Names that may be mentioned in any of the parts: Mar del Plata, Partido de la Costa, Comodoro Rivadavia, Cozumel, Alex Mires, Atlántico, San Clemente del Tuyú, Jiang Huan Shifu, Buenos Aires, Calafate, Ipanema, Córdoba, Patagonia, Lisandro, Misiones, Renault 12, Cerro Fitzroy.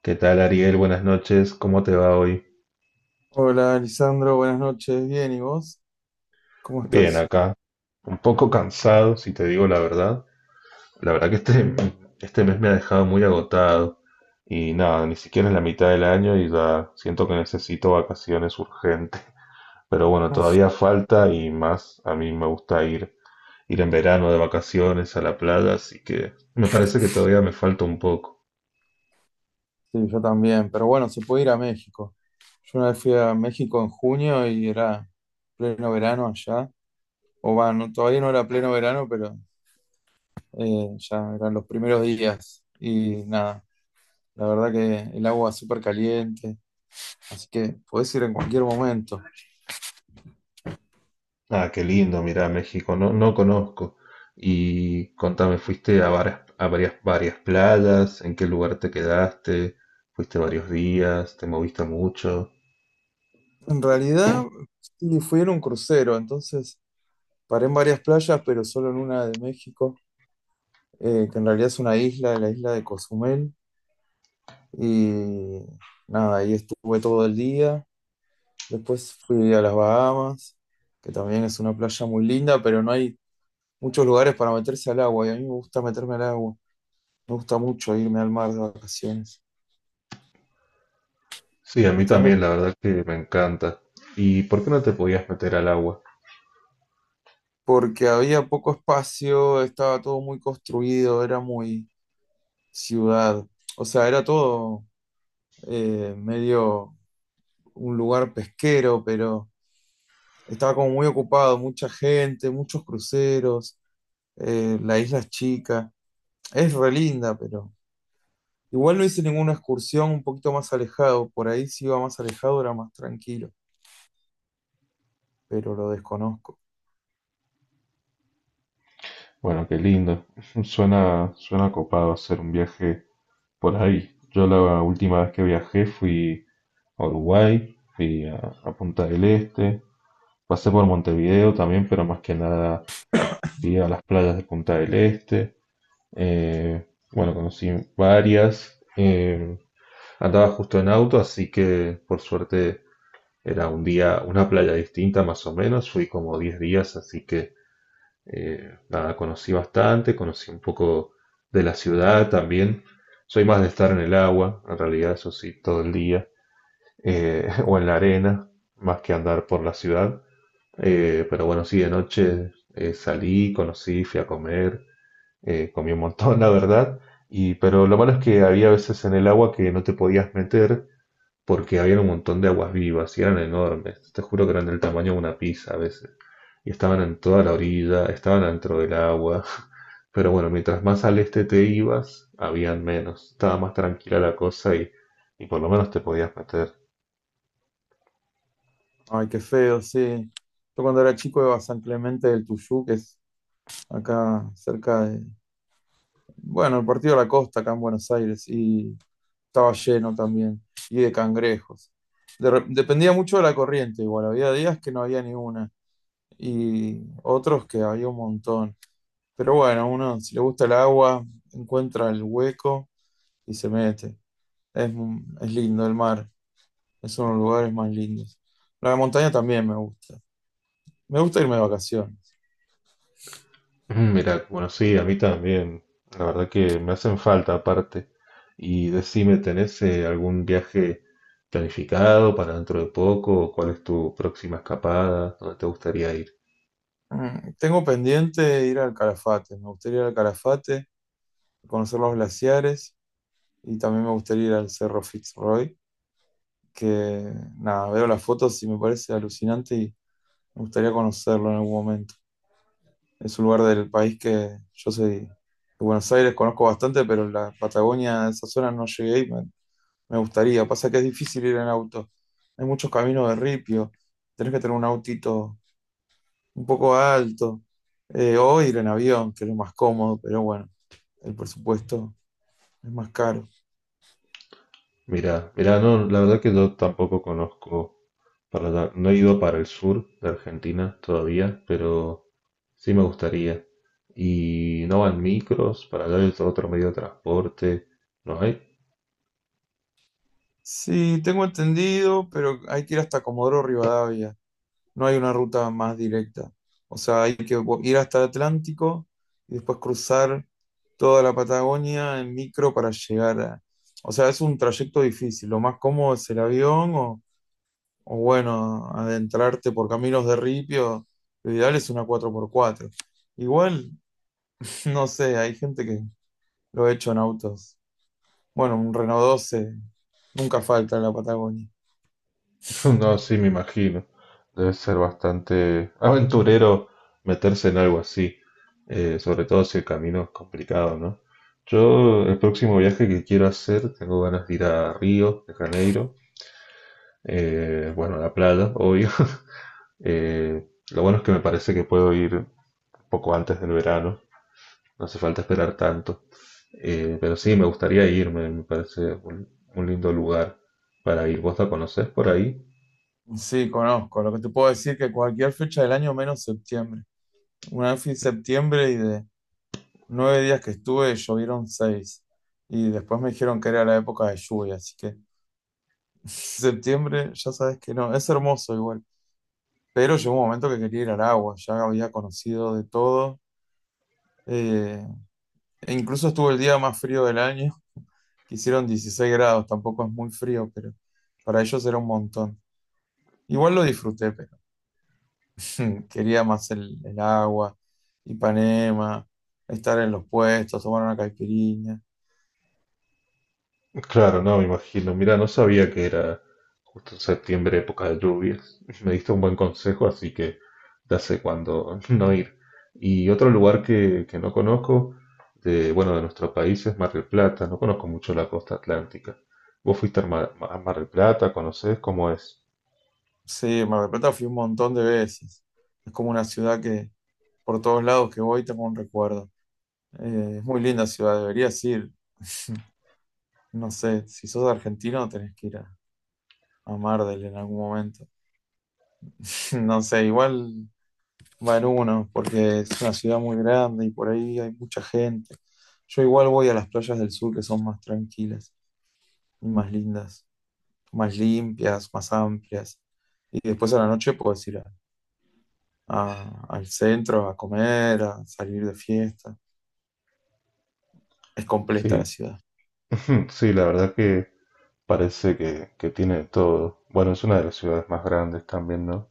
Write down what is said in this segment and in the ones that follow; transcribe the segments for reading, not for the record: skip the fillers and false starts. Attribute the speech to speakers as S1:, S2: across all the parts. S1: ¿Qué tal, Ariel? Buenas noches. ¿Cómo te va hoy?
S2: Hola, Lisandro, buenas noches. Bien, ¿y vos? ¿Cómo
S1: Bien,
S2: estás?
S1: acá. Un poco cansado, si te digo la verdad. La verdad que este mes me ha dejado muy agotado. Y nada, ni siquiera es la mitad del año y ya siento que necesito vacaciones urgentes. Pero bueno, todavía falta y más a mí me gusta ir en verano de vacaciones a la playa, así que me parece que todavía me falta un poco.
S2: Sí, yo también, pero bueno, se puede ir a México. Yo una vez fui a México en junio y era pleno verano allá. O bueno, todavía no era pleno verano, pero ya eran los primeros días. Y nada, la verdad que el agua súper caliente, así que podés ir en cualquier momento.
S1: Ah, qué lindo, mira, México, no, no conozco. Y contame, ¿fuiste a varias playas? ¿En qué lugar te quedaste? ¿Fuiste varios días? ¿Te moviste mucho?
S2: En realidad, sí, fui en un crucero, entonces paré en varias playas, pero solo en una de México. Que en realidad es una isla, la isla de Cozumel. Y nada, ahí estuve todo el día. Después fui a las Bahamas, que también es una playa muy linda, pero no hay muchos lugares para meterse al agua. Y a mí me gusta meterme al agua. Me gusta mucho irme al mar de vacaciones.
S1: Sí, a mí
S2: Este año,
S1: también, la verdad que me encanta. ¿Y por qué no te podías meter al agua?
S2: porque había poco espacio, estaba todo muy construido, era muy ciudad. O sea, era todo medio un lugar pesquero, pero estaba como muy ocupado, mucha gente, muchos cruceros, la isla es chica. Es re linda, pero igual no hice ninguna excursión un poquito más alejado. Por ahí si iba más alejado era más tranquilo, pero lo desconozco.
S1: Bueno, qué lindo. Suena copado hacer un viaje por ahí. Yo la última vez que viajé fui a Uruguay, fui a Punta del Este, pasé por Montevideo también, pero más que nada fui a las playas de Punta del Este, eh, bueno, conocí varias, andaba justo en auto, así que por suerte era un día, una playa distinta más o menos, fui como 10 días, así que nada, conocí bastante, conocí un poco de la ciudad también, soy más de estar en el agua, en realidad eso sí, todo el día, o en la arena, más que andar por la ciudad. Pero bueno, sí, de noche salí, conocí, fui a comer, comí un montón, la verdad, y, pero lo malo es que había veces en el agua que no te podías meter porque había un montón de aguas vivas y eran enormes, te juro que eran del tamaño de una pizza a veces, y estaban en toda la orilla, estaban dentro del agua, pero bueno, mientras más al este te ibas, habían menos, estaba más tranquila la cosa y por lo menos te podías meter.
S2: Ay, qué feo, sí. Yo cuando era chico iba a San Clemente del Tuyú, que es acá cerca de, bueno, el Partido de la Costa, acá en Buenos Aires, y estaba lleno también, y de cangrejos. Dependía mucho de la corriente, igual, había días que no había ni una. Y otros que había un montón. Pero bueno, uno si le gusta el agua, encuentra el hueco y se mete. Es, es lindo el mar, es uno de los lugares más lindos. La montaña también me gusta. Me gusta irme de vacaciones.
S1: Ujú. Mira, bueno, sí, a mí también. La verdad que me hacen falta aparte. Y decime, ¿tenés algún viaje planificado para dentro de poco? ¿Cuál es tu próxima escapada? ¿Dónde te gustaría ir?
S2: Tengo pendiente ir al Calafate. Me gustaría ir al Calafate, conocer los glaciares y también me gustaría ir al Cerro Fitzroy, que nada, veo las fotos y me parece alucinante y me gustaría conocerlo en algún momento. Es un lugar del país que yo soy de Buenos Aires, conozco bastante, pero la Patagonia, esa zona no llegué y me gustaría. Pasa que es difícil ir en auto. Hay muchos caminos de ripio, tenés que tener un autito un poco alto, o ir en avión, que es lo más cómodo, pero bueno, el presupuesto es más caro.
S1: Mira, no, la verdad que yo tampoco conozco para allá. No he ido para el sur de Argentina todavía, pero sí me gustaría. Y no van micros, para allá es otro medio de transporte. ¿No hay?
S2: Sí, tengo entendido, pero hay que ir hasta Comodoro Rivadavia. No hay una ruta más directa. O sea, hay que ir hasta el Atlántico y después cruzar toda la Patagonia en micro para llegar a. O sea, es un trayecto difícil. Lo más cómodo es el avión o, bueno, adentrarte por caminos de ripio. Lo ideal es una 4x4. Igual, no sé, hay gente que lo ha hecho en autos. Bueno, un Renault 12 nunca falta en la Patagonia.
S1: No, sí, me imagino. Debe ser bastante aventurero meterse en algo así, sobre todo si el camino es complicado, ¿no? Yo, el próximo viaje que quiero hacer, tengo ganas de ir a Río de Janeiro, bueno, a la playa, obvio. Lo bueno es que me parece que puedo ir un poco antes del verano, no hace falta esperar tanto. Pero sí, me gustaría irme, me parece un lindo lugar para ir. ¿Vos la conocés por ahí?
S2: Sí, conozco. Lo que te puedo decir que cualquier fecha del año menos septiembre. Una vez fui en septiembre y de 9 días que estuve llovieron seis. Y después me dijeron que era la época de lluvia, así que septiembre ya sabes que no, es hermoso igual. Pero llegó un momento que quería ir al agua, ya había conocido de todo. eh, e incluso estuvo el día más frío del año, que hicieron 16 grados, tampoco es muy frío, pero para ellos era un montón. Igual lo disfruté, pero quería más el agua, Ipanema, estar en los puestos, tomar una caipirinha.
S1: Claro, no, me imagino. Mira, no sabía que era justo en septiembre, época de lluvias. Me diste un buen consejo, así que ya sé cuándo no ir. Y otro lugar que no conozco, de, bueno, de nuestro país es Mar del Plata. No conozco mucho la costa atlántica. ¿Vos fuiste a Mar del Plata? ¿Conocés cómo es?
S2: Sí, Mar del Plata fui un montón de veces. Es como una ciudad que por todos lados que voy tengo un recuerdo. Es muy linda ciudad, deberías ir. No sé, si sos argentino tenés que ir a Mar del en algún momento. No sé, igual va en uno, porque es una ciudad muy grande y por ahí hay mucha gente. Yo igual voy a las playas del sur que son más tranquilas y más lindas, más limpias, más amplias. Y después a la noche puedes ir al centro a comer, a salir de fiesta. Es completa
S1: Sí,
S2: la ciudad.
S1: sí, la verdad que parece que tiene de todo. Bueno, es una de las ciudades más grandes también, ¿no?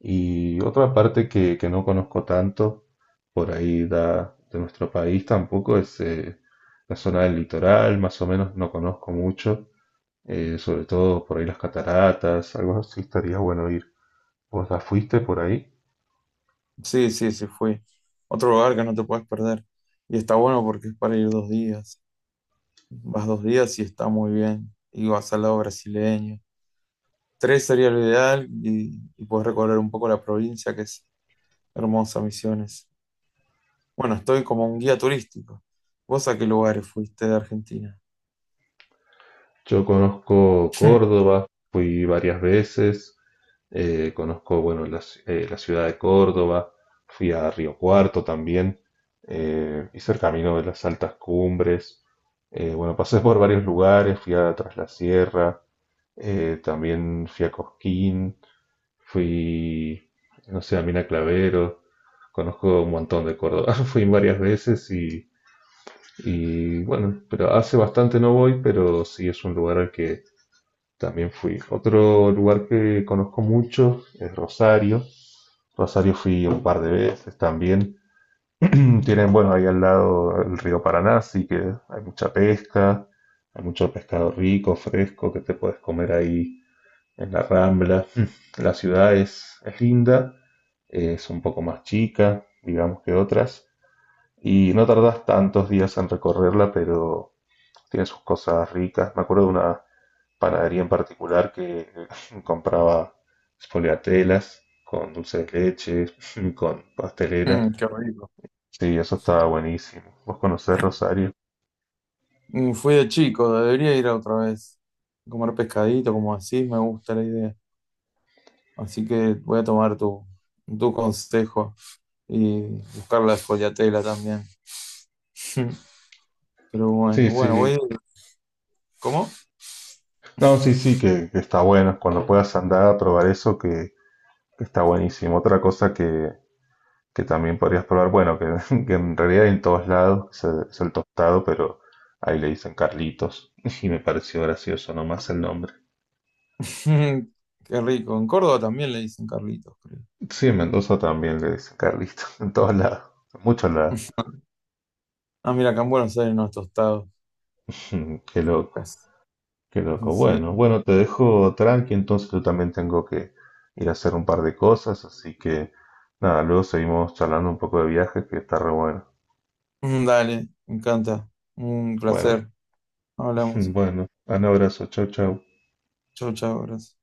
S1: Y otra parte que no conozco tanto, por ahí da, de nuestro país tampoco, es la zona del litoral, más o menos no conozco mucho, sobre todo por ahí las cataratas, algo así estaría bueno ir. ¿Vos ya fuiste por ahí?
S2: Sí, sí, sí, fui. Otro lugar que no te puedes perder. Y está bueno porque es para ir 2 días. Vas 2 días y está muy bien. Y vas al lado brasileño. Tres sería lo ideal y puedes recorrer un poco la provincia, que es hermosa, Misiones. Bueno, estoy como un guía turístico. ¿Vos a qué lugares fuiste de Argentina?
S1: Yo conozco Córdoba, fui varias veces, conozco, bueno, la ciudad de Córdoba, fui a Río Cuarto también, hice el camino de las altas cumbres, bueno, pasé por varios lugares, fui a Tras la Sierra, también fui a Cosquín, fui, no sé, a Mina Clavero, conozco un montón de Córdoba, fui varias veces y bueno, pero hace bastante no voy, pero sí es un lugar al que también fui. Otro lugar que conozco mucho es Rosario. Rosario fui un par de veces también. Tienen, bueno, ahí al lado el río Paraná, así que hay mucha pesca, hay mucho pescado rico, fresco, que te puedes comer ahí en la Rambla. La ciudad es linda, es un poco más chica, digamos que otras, y no tardas tantos días en recorrerla, pero tiene sus cosas ricas. Me acuerdo de una panadería en particular que compraba spoliatelas con dulce de leche, con pastelera.
S2: Mm, qué rico.
S1: Sí, eso estaba buenísimo. ¿Vos conocés Rosario?
S2: Mm, fui de chico, debería ir otra vez. Comer pescadito, como así, me gusta la idea. Así que voy a tomar tu consejo. Y buscar la espoliatela también. Pero
S1: Sí,
S2: bueno, bueno,
S1: sí.
S2: voy. ¿Cómo?
S1: No, sí, que está bueno. Cuando puedas andar a probar eso, que está buenísimo. Otra cosa que también podrías probar, bueno, que, que en realidad hay en todos lados es es el tostado, pero ahí le dicen Carlitos y me pareció gracioso nomás el nombre.
S2: Qué rico. En Córdoba también le dicen Carlitos, creo.
S1: Sí, en Mendoza también le dicen Carlito, en todos lados, en muchos lados.
S2: Ah, mira, acá en Buenos Aires no es tostado.
S1: Qué loco,
S2: Casi.
S1: qué loco.
S2: Sí.
S1: Bueno, bueno, te dejo tranqui, entonces yo también tengo que ir a hacer un par de cosas, así que nada, luego seguimos charlando un poco de viajes, que está re bueno.
S2: Mm, dale, me encanta. Un
S1: Bueno,
S2: placer. Hablamos.
S1: bueno, un abrazo, chau, chau.
S2: Chau, chau, gracias.